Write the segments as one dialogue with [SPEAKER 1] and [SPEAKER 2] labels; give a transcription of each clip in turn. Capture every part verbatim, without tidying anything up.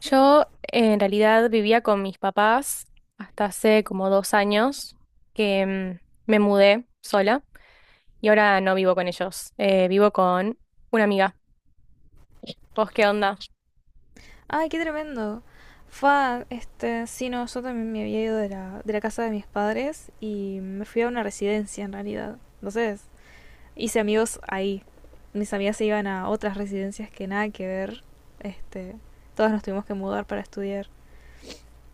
[SPEAKER 1] Yo eh, en realidad vivía con mis papás hasta hace como dos años que mm, me mudé sola y ahora no vivo con ellos, eh, vivo con una amiga. ¿Vos qué onda?
[SPEAKER 2] Ay, qué tremendo. Fue, este, sí, no, yo también me había ido de la, de la casa de mis padres y me fui a una residencia en realidad. Entonces, hice amigos ahí. Mis amigas se iban a otras residencias que nada que ver. Este, todas nos tuvimos que mudar para estudiar.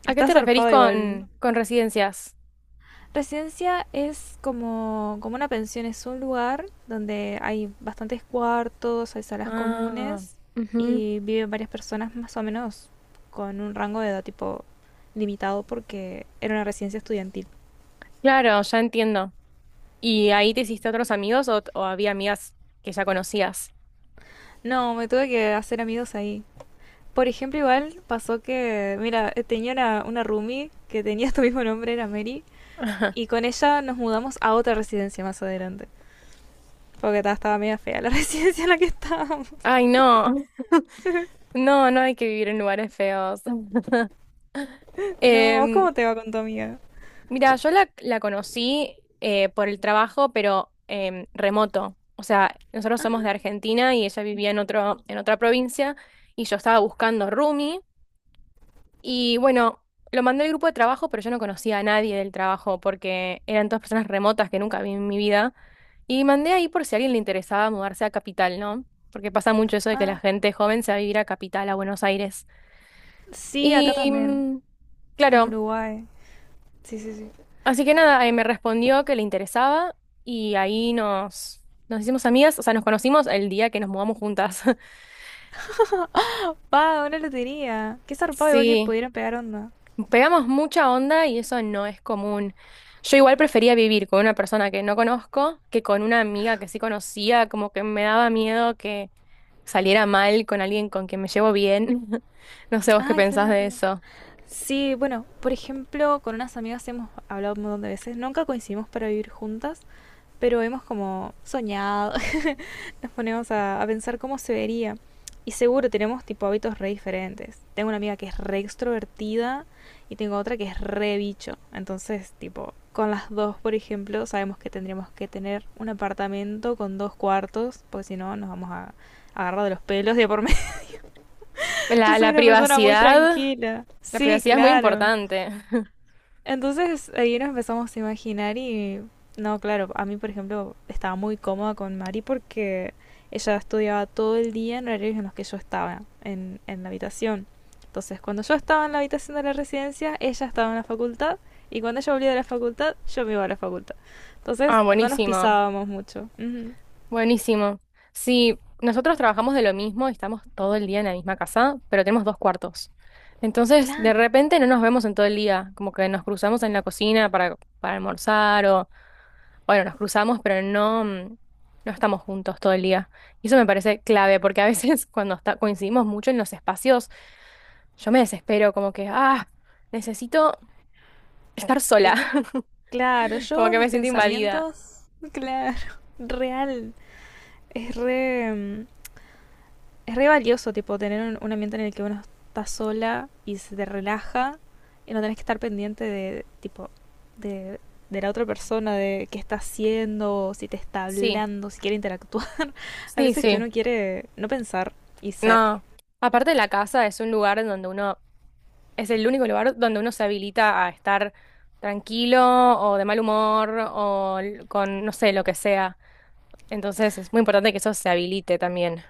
[SPEAKER 1] ¿A qué
[SPEAKER 2] Está
[SPEAKER 1] te referís
[SPEAKER 2] zarpado igual.
[SPEAKER 1] con, con residencias?
[SPEAKER 2] Residencia es como, como una pensión, es un lugar donde hay bastantes cuartos, hay salas
[SPEAKER 1] Ah,
[SPEAKER 2] comunes
[SPEAKER 1] ujú.
[SPEAKER 2] y viven varias personas más o menos con un rango de edad tipo limitado porque era una residencia estudiantil.
[SPEAKER 1] Claro, ya entiendo. ¿Y ahí te hiciste otros amigos o, o había amigas que ya conocías?
[SPEAKER 2] No, me tuve que hacer amigos ahí. Por ejemplo, igual pasó que, mira, eh, tenía una, una roomie que tenía tu mismo nombre, era Mary, y con ella nos mudamos a otra residencia más adelante. Porque ta- estaba media fea la residencia en la que estábamos.
[SPEAKER 1] Ay, no, no, no hay que vivir en lugares feos.
[SPEAKER 2] No, ¿vos
[SPEAKER 1] Em,
[SPEAKER 2] cómo te va con tu amiga?
[SPEAKER 1] Mira, yo la, la conocí eh, por el trabajo, pero em, remoto. O sea, nosotros somos de
[SPEAKER 2] Ah,
[SPEAKER 1] Argentina y ella vivía en otro, en otra provincia y yo estaba buscando roomie. Y bueno, lo mandé al grupo de trabajo, pero yo no conocía a nadie del trabajo porque eran todas personas remotas que nunca vi en mi vida. Y mandé ahí por si a alguien le interesaba mudarse a Capital, ¿no? Porque pasa mucho eso de que la
[SPEAKER 2] ah.
[SPEAKER 1] gente joven se va a vivir a Capital, a Buenos Aires.
[SPEAKER 2] Sí,
[SPEAKER 1] Y
[SPEAKER 2] acá también,
[SPEAKER 1] mm,
[SPEAKER 2] en
[SPEAKER 1] claro.
[SPEAKER 2] Uruguay. Sí, sí, sí.
[SPEAKER 1] Así que nada, eh, me respondió que le interesaba y ahí nos, nos hicimos amigas, o sea, nos conocimos el día que nos mudamos juntas.
[SPEAKER 2] Pa, una lotería. Qué zarpado, igual que
[SPEAKER 1] Sí,
[SPEAKER 2] pudieron pegar onda.
[SPEAKER 1] pegamos mucha onda y eso no es común. Yo igual prefería vivir con una persona que no conozco que con una amiga que sí conocía, como que me daba miedo que saliera mal con alguien con quien me llevo bien. No sé vos qué
[SPEAKER 2] Ah,
[SPEAKER 1] pensás de
[SPEAKER 2] claro.
[SPEAKER 1] eso.
[SPEAKER 2] Sí, bueno, por ejemplo, con unas amigas hemos hablado un montón de veces. Nunca coincidimos para vivir juntas, pero hemos como soñado. Nos ponemos a, a pensar cómo se vería. Y seguro tenemos tipo hábitos re diferentes. Tengo una amiga que es re extrovertida y tengo otra que es re bicho. Entonces, tipo, con las dos, por ejemplo, sabemos que tendríamos que tener un apartamento con dos cuartos, porque si no nos vamos a agarrar de los pelos de por medio. Yo
[SPEAKER 1] La,
[SPEAKER 2] soy
[SPEAKER 1] la
[SPEAKER 2] una persona muy
[SPEAKER 1] privacidad,
[SPEAKER 2] tranquila.
[SPEAKER 1] la
[SPEAKER 2] Sí,
[SPEAKER 1] privacidad es muy
[SPEAKER 2] claro.
[SPEAKER 1] importante.
[SPEAKER 2] Entonces ahí nos empezamos a imaginar y no, claro, a mí por ejemplo estaba muy cómoda con Mari porque ella estudiaba todo el día en horarios en los que yo estaba en, en la habitación. Entonces cuando yo estaba en la habitación de la residencia, ella estaba en la facultad y cuando ella volvía de la facultad, yo me iba a la facultad. Entonces
[SPEAKER 1] Ah,
[SPEAKER 2] no nos
[SPEAKER 1] buenísimo.
[SPEAKER 2] pisábamos mucho. Ujú.
[SPEAKER 1] Buenísimo. Sí, nosotros trabajamos de lo mismo, estamos todo el día en la misma casa, pero tenemos dos cuartos. Entonces, de
[SPEAKER 2] Claro,
[SPEAKER 1] repente no nos vemos en todo el día, como que nos cruzamos en la cocina para, para almorzar o, bueno, nos cruzamos, pero no, mm, no estamos juntos todo el día. Y eso me parece clave, porque a veces cuando está- coincidimos mucho en los espacios, yo me desespero, como que, ah, necesito estar sola,
[SPEAKER 2] y- claro,
[SPEAKER 1] como
[SPEAKER 2] yo
[SPEAKER 1] que
[SPEAKER 2] mis
[SPEAKER 1] me siento invadida.
[SPEAKER 2] pensamientos, claro, real, es re... mm, es re valioso, tipo, tener un, un ambiente en el que uno está sola y se te relaja y no tenés que estar pendiente de, tipo, de, de la otra persona, de qué está haciendo, si te está
[SPEAKER 1] Sí,
[SPEAKER 2] hablando, si quiere interactuar. A
[SPEAKER 1] sí,
[SPEAKER 2] veces que
[SPEAKER 1] sí.
[SPEAKER 2] uno quiere no pensar y ser.
[SPEAKER 1] No. Aparte la casa es un lugar en donde uno es el único lugar donde uno se habilita a estar tranquilo o de mal humor o l- con, no sé, lo que sea. Entonces es muy importante que eso se habilite también.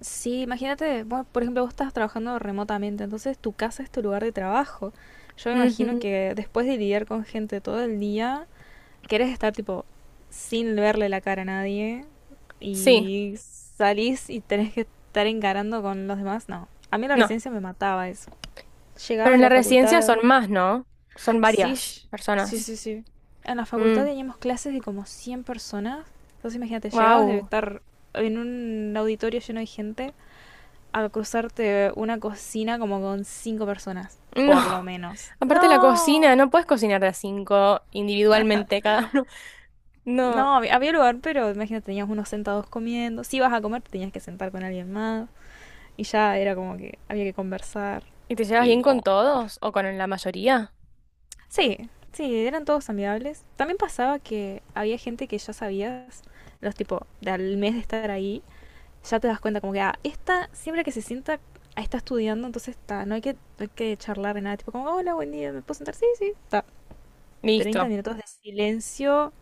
[SPEAKER 2] Sí, imagínate, bueno por ejemplo, vos estás trabajando remotamente, entonces tu casa es tu lugar de trabajo. Yo me imagino
[SPEAKER 1] Ujú.
[SPEAKER 2] que después de lidiar con gente todo el día, querés estar tipo sin verle la cara a nadie
[SPEAKER 1] Sí,
[SPEAKER 2] y salís y tenés que estar encarando con los demás, no. A mí la
[SPEAKER 1] no.
[SPEAKER 2] residencia me mataba eso.
[SPEAKER 1] Pero
[SPEAKER 2] Llegaba
[SPEAKER 1] en
[SPEAKER 2] de
[SPEAKER 1] la
[SPEAKER 2] la
[SPEAKER 1] residencia son
[SPEAKER 2] facultad.
[SPEAKER 1] más, ¿no? Son
[SPEAKER 2] Sí,
[SPEAKER 1] varias
[SPEAKER 2] sí,
[SPEAKER 1] personas.
[SPEAKER 2] sí, sí. En la facultad teníamos clases de como cien personas. Entonces imagínate, llegabas de
[SPEAKER 1] Wow.
[SPEAKER 2] estar en un auditorio lleno de gente a cruzarte una cocina como con cinco personas, por lo
[SPEAKER 1] No.
[SPEAKER 2] menos.
[SPEAKER 1] Aparte la cocina,
[SPEAKER 2] No.
[SPEAKER 1] no puedes cocinar de a cinco individualmente cada uno. No.
[SPEAKER 2] No, había había lugar, pero imagínate, teníamos unos sentados comiendo. Si ibas a comer, te tenías que sentar con alguien más. Y ya era como que había que conversar.
[SPEAKER 1] ¿Y te llevas
[SPEAKER 2] Y
[SPEAKER 1] bien
[SPEAKER 2] no.
[SPEAKER 1] con todos o con la mayoría?
[SPEAKER 2] Sí, sí, eran todos amigables. También pasaba que había gente que ya sabías, los tipo, de al mes de estar ahí, ya te das cuenta como que, ah, esta siempre que se sienta, ah, está estudiando, entonces está, no hay que, no hay que charlar de nada. Tipo, como, hola, buen día, ¿me puedo sentar? Sí, sí, está. treinta
[SPEAKER 1] Listo.
[SPEAKER 2] minutos de silencio,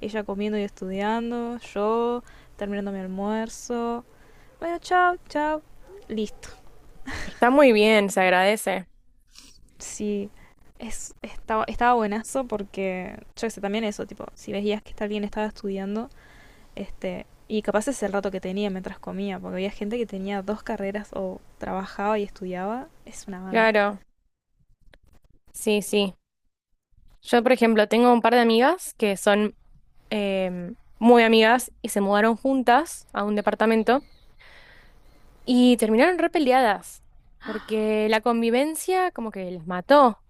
[SPEAKER 2] ella comiendo y estudiando, yo terminando mi almuerzo. Bueno, chao, chao. Listo.
[SPEAKER 1] Está muy bien, se agradece.
[SPEAKER 2] Sí, es, estaba, estaba buenazo porque, yo qué sé, también eso, tipo, si veías que alguien estaba estudiando, este, y capaz es el rato que tenía mientras comía, porque había gente que tenía dos carreras o trabajaba y estudiaba, es una banda.
[SPEAKER 1] Claro. Sí, sí. Yo, por ejemplo, tengo un par de amigas que son em, muy amigas y se mudaron juntas a un departamento y terminaron repeleadas porque la convivencia como que les mató.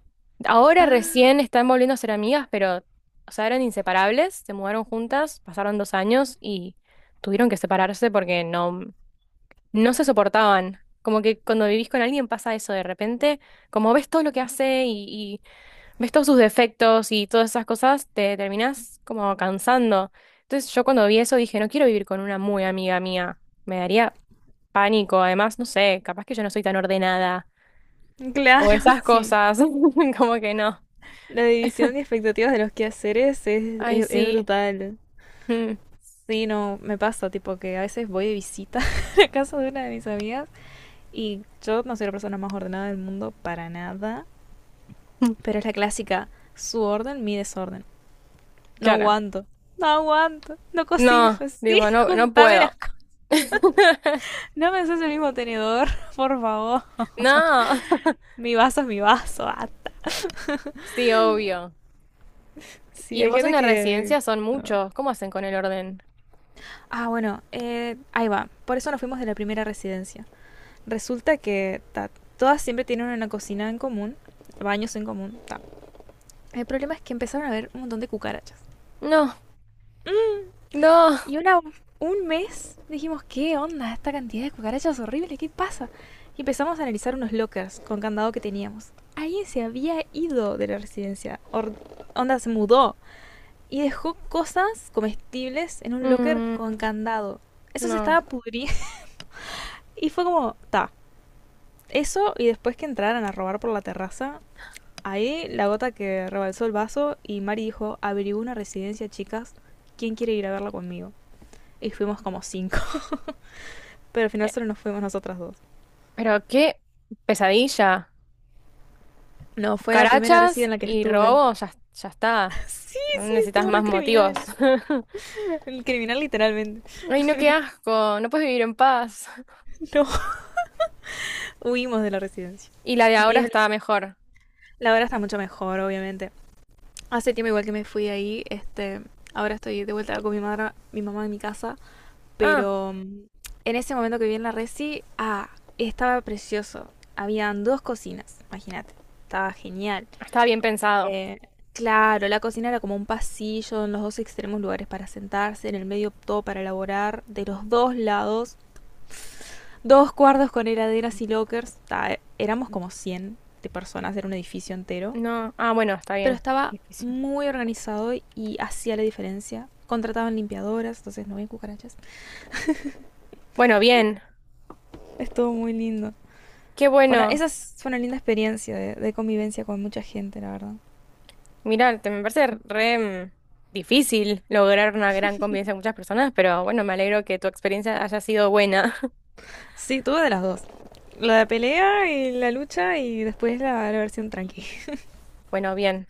[SPEAKER 1] Ahora
[SPEAKER 2] ¡Pah!
[SPEAKER 1] recién están volviendo a ser amigas, pero, o sea, eran inseparables, se mudaron juntas, pasaron dos años y tuvieron que separarse porque no, no se soportaban. Como que cuando vivís con alguien pasa eso de repente, como ves todo lo que hace y ves todos sus defectos y todas esas cosas, te terminás como cansando. Entonces yo cuando vi eso dije, no quiero vivir con una muy amiga mía, me daría pánico, además, no sé, capaz que yo no soy tan ordenada o
[SPEAKER 2] Claro,
[SPEAKER 1] esas
[SPEAKER 2] sí.
[SPEAKER 1] cosas, como que no.
[SPEAKER 2] La división de expectativas de los quehaceres es,
[SPEAKER 1] Ay,
[SPEAKER 2] es, es
[SPEAKER 1] sí,
[SPEAKER 2] brutal.
[SPEAKER 1] mm,
[SPEAKER 2] Sí, no, me pasa, tipo que a veces voy de visita a la casa de una de mis amigas y yo no soy la persona más ordenada del mundo para nada,
[SPEAKER 1] mm,
[SPEAKER 2] pero es la clásica, su orden, mi desorden. No
[SPEAKER 1] claro.
[SPEAKER 2] aguanto, no aguanto, no cocines
[SPEAKER 1] No,
[SPEAKER 2] así,
[SPEAKER 1] digo, no, no
[SPEAKER 2] juntame
[SPEAKER 1] puedo.
[SPEAKER 2] las cosas. No me haces el mismo tenedor, por favor.
[SPEAKER 1] No,
[SPEAKER 2] Mi vaso es mi vaso, hasta.
[SPEAKER 1] sí, obvio.
[SPEAKER 2] Sí,
[SPEAKER 1] Y
[SPEAKER 2] hay
[SPEAKER 1] vos en
[SPEAKER 2] gente
[SPEAKER 1] la
[SPEAKER 2] que...
[SPEAKER 1] residencia son
[SPEAKER 2] no.
[SPEAKER 1] muchos, ¿cómo hacen con el orden?
[SPEAKER 2] Ah, bueno, eh, ahí va. Por eso nos fuimos de la primera residencia. Resulta que ta, todas siempre tienen una cocina en común, baños en común, ta, el problema es que empezaron a haber un montón de cucarachas.
[SPEAKER 1] No, no.
[SPEAKER 2] Y una, un mes dijimos, ¿qué onda? Esta cantidad de cucarachas horrible, ¿qué pasa? Y empezamos a analizar unos lockers con candado que teníamos. Alguien se había ido de la residencia. Or- onda, se mudó. Y dejó cosas comestibles en un locker con
[SPEAKER 1] Mm,
[SPEAKER 2] candado. Eso se
[SPEAKER 1] no.
[SPEAKER 2] estaba pudriendo. Y fue como, ta. Eso y después que entraran a robar por la terraza. Ahí la gota que rebalsó el vaso y Mari dijo, averiguó una residencia, chicas. ¿Quién quiere ir a verla conmigo? Y fuimos como cinco. Pero al final solo nos fuimos nosotras dos.
[SPEAKER 1] Pero qué pesadilla.
[SPEAKER 2] No, fue la primera residencia
[SPEAKER 1] Cucarachas
[SPEAKER 2] en la que
[SPEAKER 1] y
[SPEAKER 2] estuve.
[SPEAKER 1] robo, ya, ya está.
[SPEAKER 2] Sí,
[SPEAKER 1] No
[SPEAKER 2] sí,
[SPEAKER 1] necesitas
[SPEAKER 2] estuvo re
[SPEAKER 1] más
[SPEAKER 2] criminal.
[SPEAKER 1] motivos.
[SPEAKER 2] El criminal literalmente.
[SPEAKER 1] Ay, no, qué asco. No puedes vivir en paz.
[SPEAKER 2] No, huimos de la residencia.
[SPEAKER 1] Y la de
[SPEAKER 2] Y
[SPEAKER 1] ahora
[SPEAKER 2] el-
[SPEAKER 1] estaba mejor.
[SPEAKER 2] la hora está mucho mejor, obviamente. Hace tiempo igual que me fui ahí, este, ahora estoy de vuelta con mi madre, mi mamá en mi casa,
[SPEAKER 1] Ah,
[SPEAKER 2] pero mm, en ese momento que viví en la resi, ah, estaba precioso. Habían dos cocinas, imagínate. Estaba genial.
[SPEAKER 1] estaba bien pensado.
[SPEAKER 2] Eh, claro, la cocina era como un pasillo, en los dos extremos lugares para sentarse, en el medio todo para elaborar, de los dos lados, dos cuartos con heladeras y lockers. Ta, eh, éramos como cien de personas, era un edificio entero,
[SPEAKER 1] No, ah, bueno, está
[SPEAKER 2] pero
[SPEAKER 1] bien.
[SPEAKER 2] estaba
[SPEAKER 1] Difícil.
[SPEAKER 2] muy organizado y hacía la diferencia. Contrataban limpiadoras, entonces no había cucarachas.
[SPEAKER 1] Bueno, bien.
[SPEAKER 2] Estuvo muy lindo.
[SPEAKER 1] Qué
[SPEAKER 2] Bueno,
[SPEAKER 1] bueno.
[SPEAKER 2] esa es- fue una linda experiencia de, de convivencia con mucha gente, la verdad.
[SPEAKER 1] Mirá, te me parece re mm, difícil lograr una gran convivencia con muchas personas, pero bueno, me alegro que tu experiencia haya sido buena.
[SPEAKER 2] Sí, tuve de las dos. La de pelea y la lucha y después la, la versión tranqui.
[SPEAKER 1] Bueno, bien.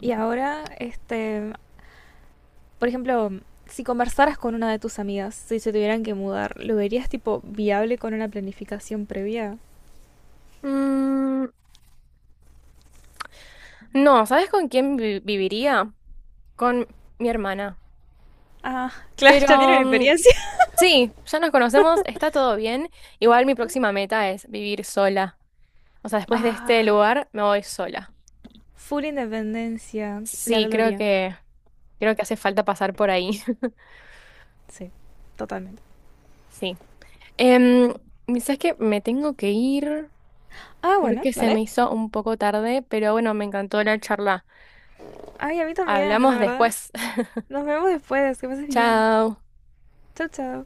[SPEAKER 2] Y ahora, este, por ejemplo, si conversaras con una de tus amigas, si se tuvieran que mudar, ¿lo verías tipo viable con una planificación previa?
[SPEAKER 1] Mm, no, ¿sabes con quién vi- viviría? Con mi hermana.
[SPEAKER 2] Ah, claro, ya tienen
[SPEAKER 1] Pero mm,
[SPEAKER 2] experiencia.
[SPEAKER 1] sí, ya nos conocemos, está todo bien. Igual mi próxima meta es vivir sola. O sea, después de este
[SPEAKER 2] Ah,
[SPEAKER 1] lugar me voy sola.
[SPEAKER 2] full independencia, la
[SPEAKER 1] Sí, creo
[SPEAKER 2] gloria.
[SPEAKER 1] que creo que hace falta pasar por ahí.
[SPEAKER 2] Sí, totalmente.
[SPEAKER 1] Sí. Em, ¿sabes qué? Me tengo que ir
[SPEAKER 2] Ah, bueno,
[SPEAKER 1] porque se
[SPEAKER 2] dale.
[SPEAKER 1] me hizo un poco tarde, pero bueno, me encantó la charla.
[SPEAKER 2] Ay, a mí también, la
[SPEAKER 1] Hablamos
[SPEAKER 2] verdad.
[SPEAKER 1] después.
[SPEAKER 2] Nos vemos después, que pases bien.
[SPEAKER 1] Chao.
[SPEAKER 2] Chao, chao.